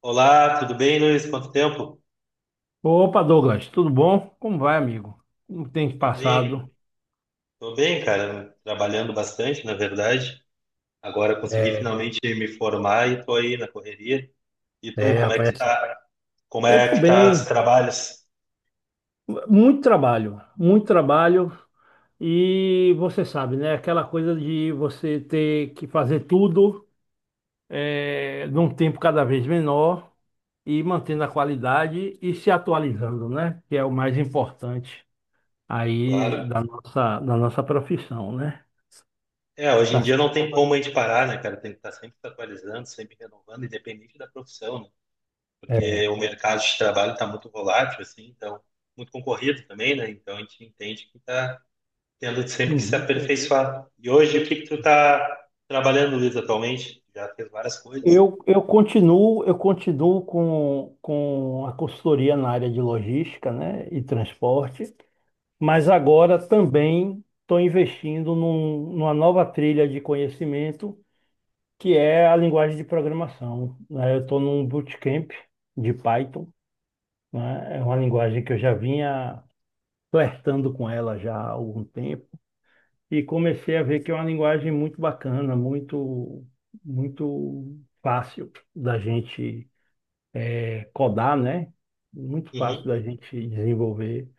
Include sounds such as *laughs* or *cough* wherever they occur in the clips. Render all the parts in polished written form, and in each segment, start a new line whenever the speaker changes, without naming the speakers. Olá, tudo bem, Luiz? Quanto tempo?
Opa, Douglas, tudo bom? Como vai, amigo? Como tem te
Tô bem,
passado?
tô bem, cara. Trabalhando bastante, na verdade. Agora consegui
É,
finalmente me formar e tô aí na correria. E tu,
é,
como é que
rapaz.
tá? Como
Eu tô
é que tá os
bem.
trabalhos?
Muito trabalho, muito trabalho. E você sabe, né? Aquela coisa de você ter que fazer tudo num tempo cada vez menor e mantendo a qualidade e se atualizando, né? Que é o mais importante aí
Claro.
da nossa profissão, né?
Hoje em
Está...
dia não tem como a gente parar, né, cara? Tem que estar sempre se atualizando, sempre renovando, independente da profissão, né?
É,
Porque o mercado de trabalho está muito volátil, assim, então muito concorrido também, né? Então a gente entende que está tendo sempre que se
uhum.
aperfeiçoar. E hoje, o que que tu tá trabalhando, Luiz, atualmente? Já fez várias coisas.
Eu continuo com a consultoria na área de logística, né, e transporte, mas agora também estou investindo numa nova trilha de conhecimento, que é a linguagem de programação, né? Eu estou num bootcamp de Python, né? É uma linguagem que eu já vinha flertando com ela já há algum tempo, e comecei a ver que é uma linguagem muito bacana, muito, muito fácil da gente codar, né? Muito fácil
Uhum.
da gente desenvolver,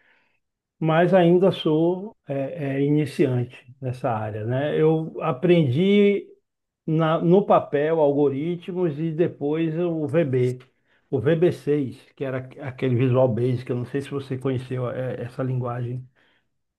mas ainda sou iniciante nessa área, né? Eu aprendi no papel algoritmos e depois o VB, o VB6, que era aquele Visual Basic, eu não sei se você conheceu essa linguagem,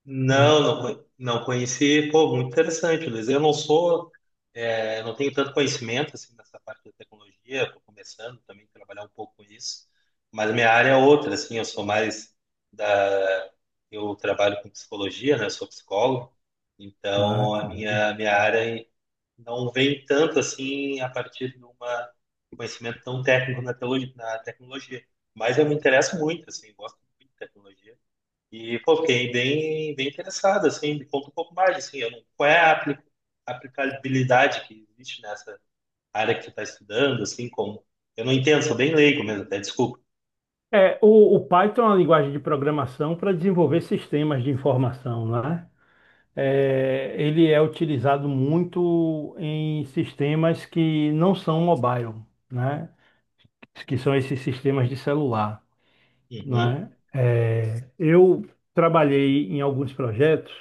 Não,
né?
não, não conheci. Pô, muito interessante, Luiz. Eu não sou, não tenho tanto conhecimento assim nessa parte da tecnologia. Estou começando também a trabalhar um pouco com isso, mas minha área é outra, assim. Eu sou mais da, eu trabalho com psicologia, né? Eu sou psicólogo,
Ah,
então
que
a
bom.
minha área é não vem tanto assim a partir de um conhecimento tão técnico na teologia, na tecnologia. Mas eu me interesso muito, assim, gosto muito de tecnologia. E, pô, fiquei bem, bem interessado, assim, me conta um pouco mais, assim, eu não, qual é a aplicabilidade que existe nessa área que tu está estudando, assim, como... Eu não entendo, sou bem leigo mesmo, até desculpa.
O Python é uma linguagem de programação para desenvolver sistemas de informação, né? Ele é utilizado muito em sistemas que não são mobile, né? Que são esses sistemas de celular,
Uhum,
né? Eu trabalhei em alguns projetos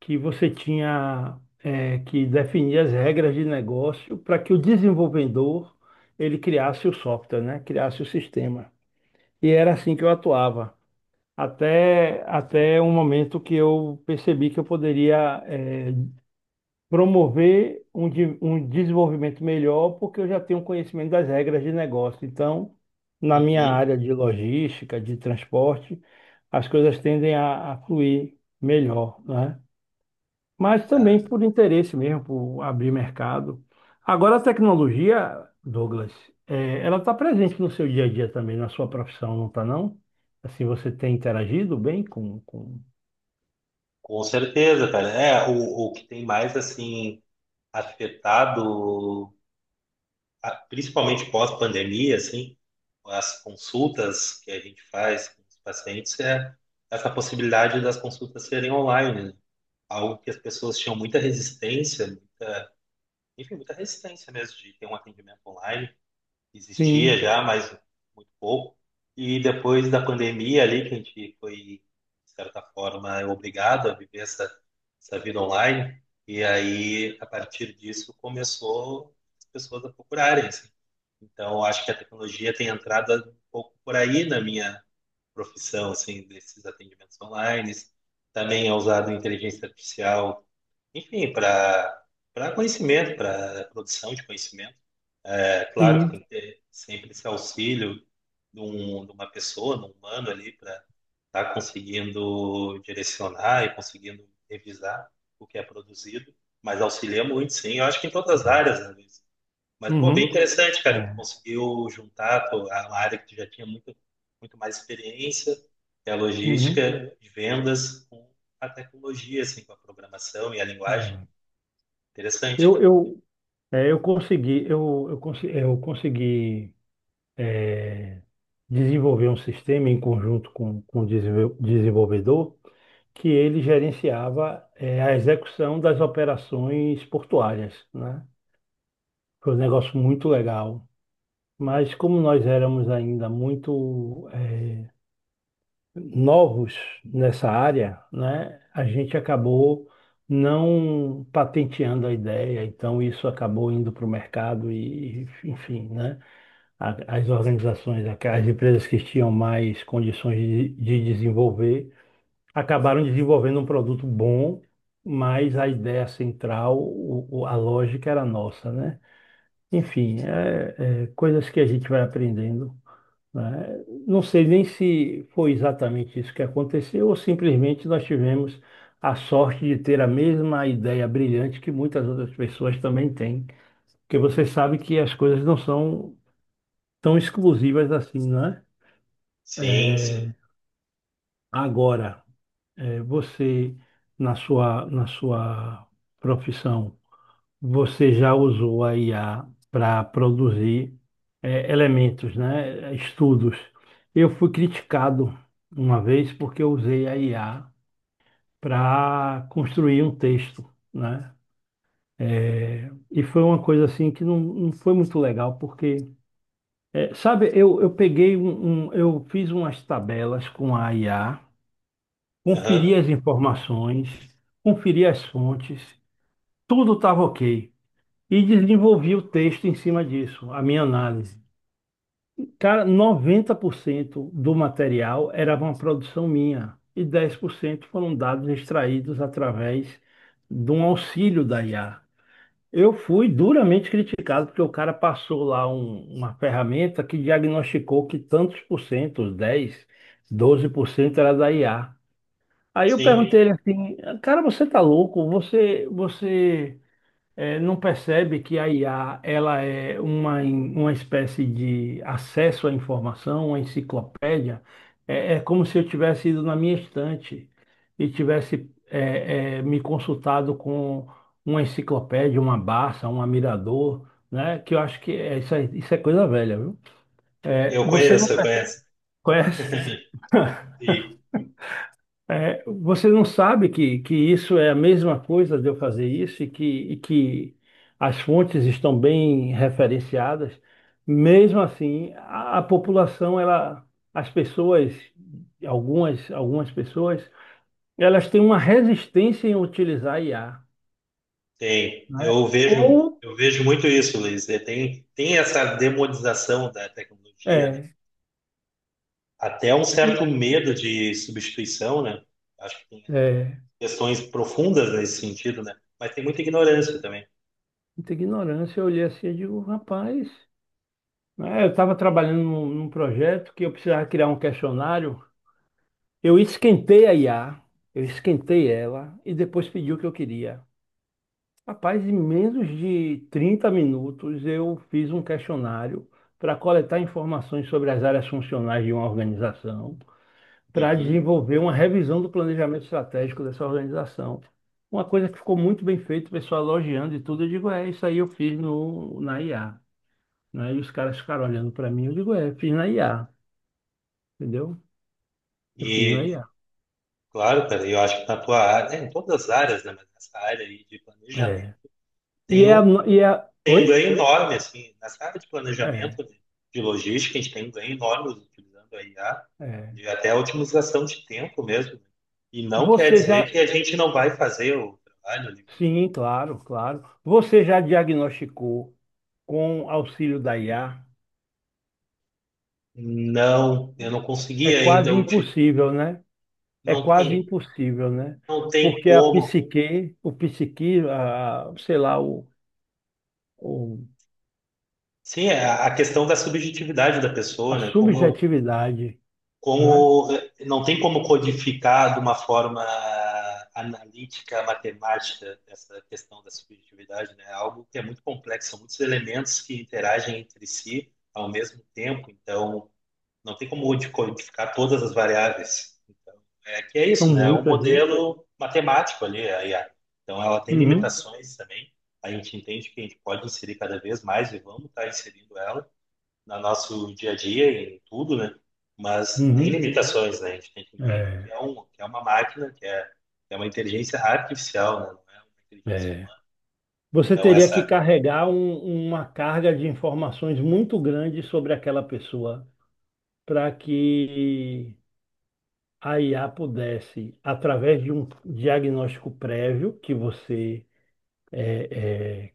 que você tinha que definir as regras de negócio para que o desenvolvedor ele criasse o software, né? Criasse o sistema. E era assim que eu atuava. Até um momento que eu percebi que eu poderia promover um desenvolvimento melhor, porque eu já tenho conhecimento das regras de negócio. Então, na minha
uhum,
área de logística, de transporte, as coisas tendem a fluir melhor, né? Mas
né?
também por interesse mesmo, por abrir mercado. Agora, a tecnologia, Douglas, ela está presente no seu dia a dia também, na sua profissão, não está, não? Assim, você tem interagido bem com...
Com certeza, cara. É, o que tem mais, assim, afetado principalmente pós-pandemia, assim, as consultas que a gente faz com os pacientes é essa possibilidade das consultas serem online, né? Algo que as pessoas tinham muita resistência, muita, enfim, muita resistência mesmo de ter um atendimento online. Existia
Sim,
já, mas muito pouco. E depois da pandemia ali, que a gente foi, de certa forma, obrigado a viver essa, essa vida online, e aí, a partir disso, começou as pessoas a procurarem, assim, então, eu acho que a tecnologia tem entrado um pouco por aí na minha profissão, assim, desses atendimentos online. Também é usado inteligência artificial, enfim, para conhecimento, para produção de conhecimento. É claro que
sim.
tem que ter sempre esse auxílio de, um, de uma pessoa, de um humano ali, para estar conseguindo direcionar e conseguindo revisar o que é produzido. Mas auxilia muito, sim. Eu acho que em todas as
É.
áreas, né, Luiz? Mas, pô, bem
Uhum.
interessante, cara. Tu
É.
conseguiu juntar a a área que tu já tinha muito, muito mais experiência, que é a
Uhum.
logística de vendas, com a tecnologia, assim, com a programação e a linguagem.
É.
Interessante,
Eu,
cara.
eu, eu consegui, eu, consi- eu consegui desenvolver um sistema em conjunto com o desenvolvedor que ele gerenciava, a execução das operações portuárias, né? Foi um negócio muito legal. Mas como nós éramos ainda muito, novos nessa área, né? A gente acabou não patenteando a ideia, então isso acabou indo para o mercado e, enfim, né? As organizações, as empresas que tinham mais condições de desenvolver, acabaram desenvolvendo um produto bom, mas a ideia central, a lógica era nossa, né? Enfim, coisas que a gente vai aprendendo, né? Não sei nem se foi exatamente isso que aconteceu, ou simplesmente nós tivemos a sorte de ter a mesma ideia brilhante que muitas outras pessoas também têm. Porque você sabe que as coisas não são tão exclusivas assim, né?
Sim,
É,
sim.
agora, você, na sua profissão, você já usou a IA para produzir, elementos, né? Estudos. Eu fui criticado uma vez porque eu usei a IA para construir um texto, né? E foi uma coisa assim que não, não foi muito legal, porque, sabe, eu peguei eu fiz umas tabelas com a IA, conferi
Aham,
as informações, conferi as fontes, tudo estava ok. E desenvolvi o texto em cima disso, a minha análise. Cara, 90% do material era uma produção minha e 10% foram dados extraídos através de um auxílio da IA. Eu fui duramente criticado porque o cara passou lá uma ferramenta que diagnosticou que tantos por cento, os 10, 12% era da IA. Aí eu
sim.
perguntei ele assim, cara, você tá louco? Você não percebe que a IA ela é uma espécie de acesso à informação, uma enciclopédia? Como se eu tivesse ido na minha estante e tivesse me consultado com uma enciclopédia, uma Barça, um Mirador, né? Que eu acho que isso é coisa velha, viu? É,
Eu
Você não
conheço, eu conheço.
conhece?
*laughs* Sim,
Você não sabe que isso é a mesma coisa de eu fazer isso e que as fontes estão bem referenciadas. Mesmo assim, a população, ela, as pessoas, algumas pessoas, elas têm uma resistência em utilizar IA,
tem.
né? Ou,
Eu vejo muito isso, Luiz. É, tem, tem essa demonização da tecnologia, né?
é,
Até um
e,
certo medo de substituição, né? Acho que tem
é,
questões profundas nesse sentido, né? Mas tem muita ignorância também.
muita ignorância, eu olhei assim e digo, rapaz, né? Eu estava trabalhando num projeto que eu precisava criar um questionário. Eu esquentei a IA, eu esquentei ela e depois pedi o que eu queria. Rapaz, em menos de 30 minutos eu fiz um questionário para coletar informações sobre as áreas funcionais de uma organização, para
Uhum.
desenvolver uma revisão do planejamento estratégico dessa organização. Uma coisa que ficou muito bem feita, o pessoal elogiando e tudo, eu digo, isso aí eu fiz no, na IA, né? E os caras ficaram olhando para mim, eu digo, fiz na IA, entendeu? Eu fiz na
E,
IA.
claro, cara, eu acho que na tua área, é, em todas as áreas, né? Mas nessa área aí de planejamento,
É. E
tem
é, a
um,
no- e é,
tem
oi?
um ganho enorme, assim, nessa área de
É.
planejamento, de logística, a gente tem um ganho enorme utilizando a IA,
É.
de até a otimização de tempo mesmo, né? E não quer
Você já,
dizer que a gente não vai fazer o trabalho, né?
sim, claro, claro. Você já diagnosticou com auxílio da IA?
Não, eu não
É
consegui
quase
ainda,
impossível, né? É
não
quase
tem,
impossível, né?
não tem
Porque a
como.
psique, o psique, a, sei lá, o-
Sim, é a questão da subjetividade da
a
pessoa, né? Como eu,
subjetividade, né?
como não tem como codificar de uma forma analítica, matemática essa questão da subjetividade, né? É algo que é muito complexo, são muitos elementos que interagem entre si ao mesmo tempo, então não tem como de codificar todas as variáveis. Então, é que é
São
isso, né? É um
muitas, né?
modelo matemático ali, a IA. Então ela tem
Uhum,
limitações também. A gente entende que a gente pode inserir cada vez mais e vamos estar inserindo ela no nosso dia a dia, em tudo, né? Mas tem
uhum.
limitações, né? A gente tem que entender
É,
que é, um, que é uma máquina, que é uma inteligência artificial, né? Não é uma inteligência
é.
humana.
Você
Então,
teria que
essa
carregar uma carga de informações muito grande sobre aquela pessoa para que a IA pudesse, através de um diagnóstico prévio que você eh,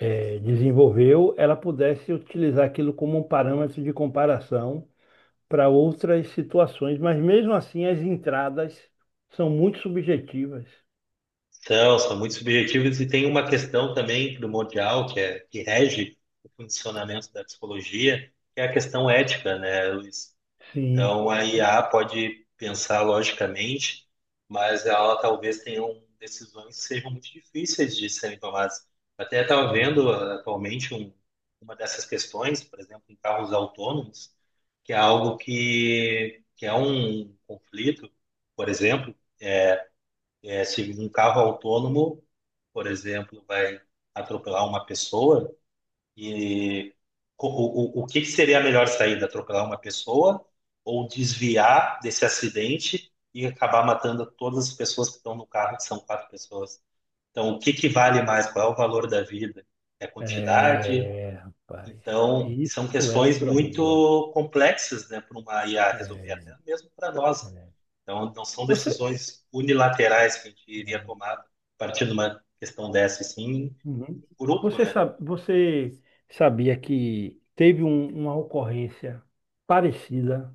eh, desenvolveu, ela pudesse utilizar aquilo como um parâmetro de comparação para outras situações, mas mesmo assim as entradas são muito subjetivas.
são, são muito subjetivos e tem uma questão também primordial que é que rege o funcionamento da psicologia, que é a questão ética, né, Luiz?
Sim.
Então a IA pode pensar logicamente, mas ela talvez tenha um- decisões que sejam muito difíceis de serem tomadas. Até estava
É,
vendo ah, atualmente um, uma dessas questões, por exemplo, em carros autônomos, que é algo que é um conflito, por exemplo é, se um carro autônomo, por exemplo, vai atropelar uma pessoa, e o que que seria a melhor saída? Atropelar uma pessoa ou desviar desse acidente e acabar matando todas as pessoas que estão no carro, que são 4 pessoas? Então, o que que vale mais? Qual é o valor da vida? É a quantidade?
é, rapaz,
Então, são
isso é um
questões
problema.
muito complexas, né, para uma IA resolver,
É,
até mesmo para nós, né?
é.
Então, não são
Você,
decisões unilaterais que a gente iria tomar a partir de uma questão dessa, e sim,
Uhum.
um grupo,
Você
né?
sabe, você sabia que teve uma ocorrência parecida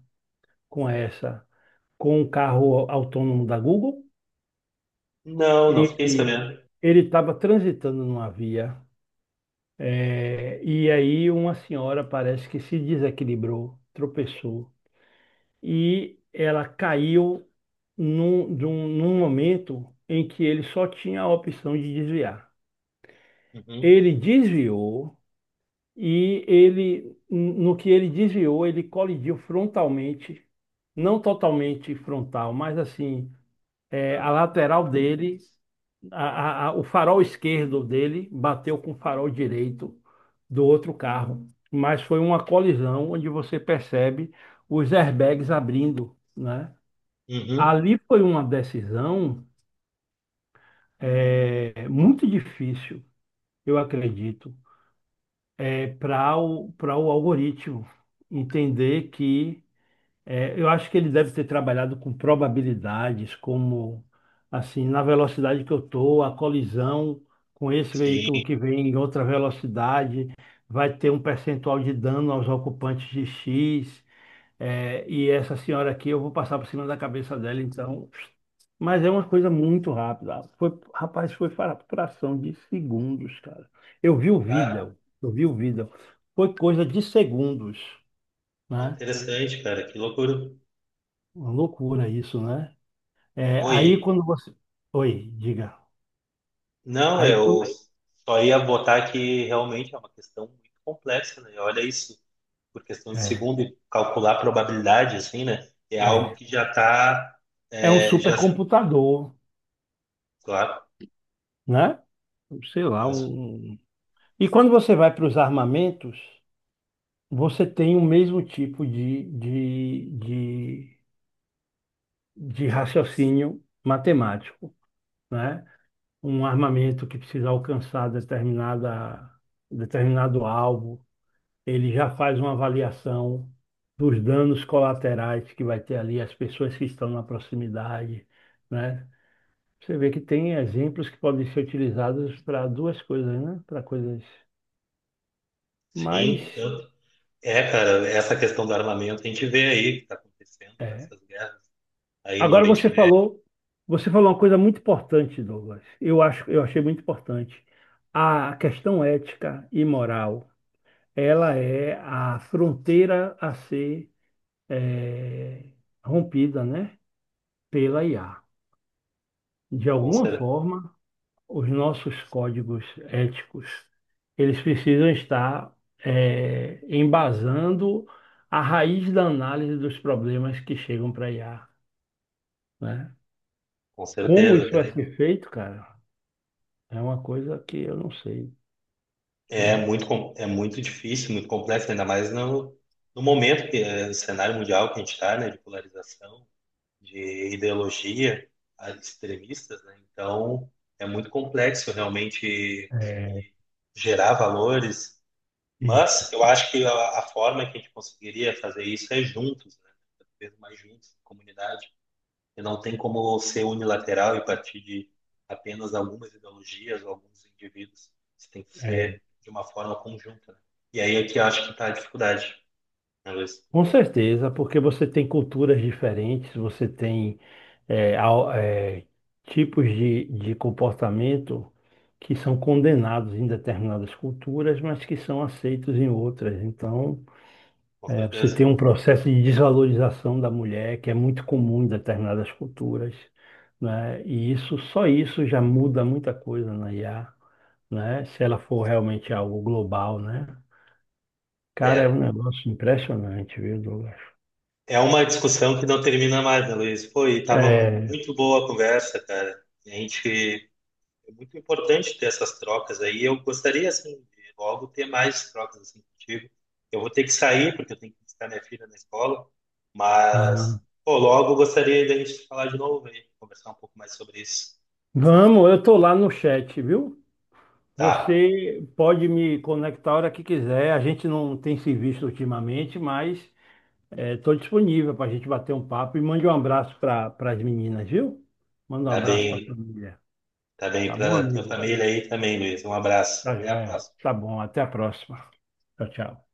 com essa, com um carro autônomo da Google?
Não, não fiquei
Ele
sabendo.
ele estava transitando numa via, e aí uma senhora parece que se desequilibrou, tropeçou, e ela caiu num momento em que ele só tinha a opção de desviar.
Uhum,
Ele desviou e ele, no que ele desviou, ele colidiu frontalmente, não totalmente frontal, mas assim, a lateral dele, o farol esquerdo dele bateu com o farol direito do outro carro. Mas foi uma colisão onde você percebe os airbags abrindo, né?
uhum.
Ali foi uma decisão, muito difícil, eu acredito, é para o algoritmo entender que. Eu acho que ele deve ter trabalhado com probabilidades, como assim, na velocidade que eu estou, a colisão com esse veículo
Sim,
que vem em outra velocidade vai ter um percentual de dano aos ocupantes de X, e essa senhora aqui eu vou passar por cima da cabeça dela, então. Mas é uma coisa muito rápida. Foi, rapaz, foi para fração de segundos, cara. Eu vi o
cara,
vídeo, eu vi o vídeo. Foi coisa de segundos,
que
né?
interessante, cara, que loucura.
Uma loucura isso, né? Aí
Oi,
quando você. Oi, diga.
não,
Aí
eu
quando.
só ia botar que realmente é uma questão muito complexa, né? Olha isso, por questão de
É,
segundo, e calcular a probabilidade, assim, né? É algo
é,
que já está,
é um
já,
supercomputador,
claro,
né? Sei
é
lá,
um-
um. E quando você vai para os armamentos, você tem o mesmo tipo de raciocínio matemático, né? Um armamento que precisa alcançar determinada, determinado alvo, ele já faz uma avaliação dos danos colaterais que vai ter ali, as pessoas que estão na proximidade, né? Você vê que tem exemplos que podem ser utilizados para duas coisas, né? Para coisas mais.
sim, é, cara, essa questão do armamento a gente vê aí que está acontecendo
É.
nessas guerras aí no
Agora
Oriente
você
Médio,
falou, você falou uma coisa muito importante, Douglas. Eu acho, eu achei muito importante. A questão ética e moral, ela é a fronteira a ser é, rompida, né? Pela IA. De
com,
alguma
cer
forma, os nossos códigos éticos, eles precisam estar embasando a raiz da análise dos problemas que chegam para IA, né?
com
Como isso
certeza,
vai
cara.
ser feito, cara, é uma coisa que eu não sei,
É
né?
muito, é muito difícil, muito complexo, ainda mais no, no momento que é o cenário mundial que a gente está, né, de polarização, de ideologia ah, extremistas, né? Então é muito complexo realmente
É,
conseguir gerar valores, mas eu acho que a forma que a gente conseguiria fazer isso é juntos, né? Cada vez mais juntos, comunidade. E não tem como ser unilateral e partir de apenas algumas ideologias ou alguns indivíduos. Isso tem que ser de uma forma conjunta, né? E aí é que eu acho que está a dificuldade, né, Luiz?
Com certeza, porque você tem culturas diferentes, você tem eh, ao- eh, tipos de comportamento que são condenados em determinadas culturas, mas que são aceitos em outras. Então,
Com
você
certeza.
tem um processo de desvalorização da mulher que é muito comum em determinadas culturas, né? E isso, só isso já muda muita coisa na IA, né? Se ela for realmente algo global, né? Cara, é um
É,
negócio impressionante, viu, Douglas?
é uma discussão que não termina mais, né, Luiz? Pô, e tava
É,
muito boa a conversa, cara. A gente é muito importante ter essas trocas aí. Eu gostaria, assim, de logo ter mais trocas assim contigo. Eu vou ter que sair, porque eu tenho que buscar minha filha na escola, mas,
Ah,
pô, logo eu gostaria da gente falar de novo aí, conversar um pouco mais sobre isso.
vamos, eu tô lá no chat, viu?
Tá,
Você pode me conectar a hora que quiser. A gente não tem se visto ultimamente, mas estou disponível para a gente bater um papo e mande um abraço para as meninas, viu? Manda um
tá
abraço para a
bem,
família.
tá bem
Tá bom,
para tua
amigo?
família aí também, Luiz. Um abraço.
Tá
Até a
joia.
próxima.
Tá bom, até a próxima. Tchau, tchau.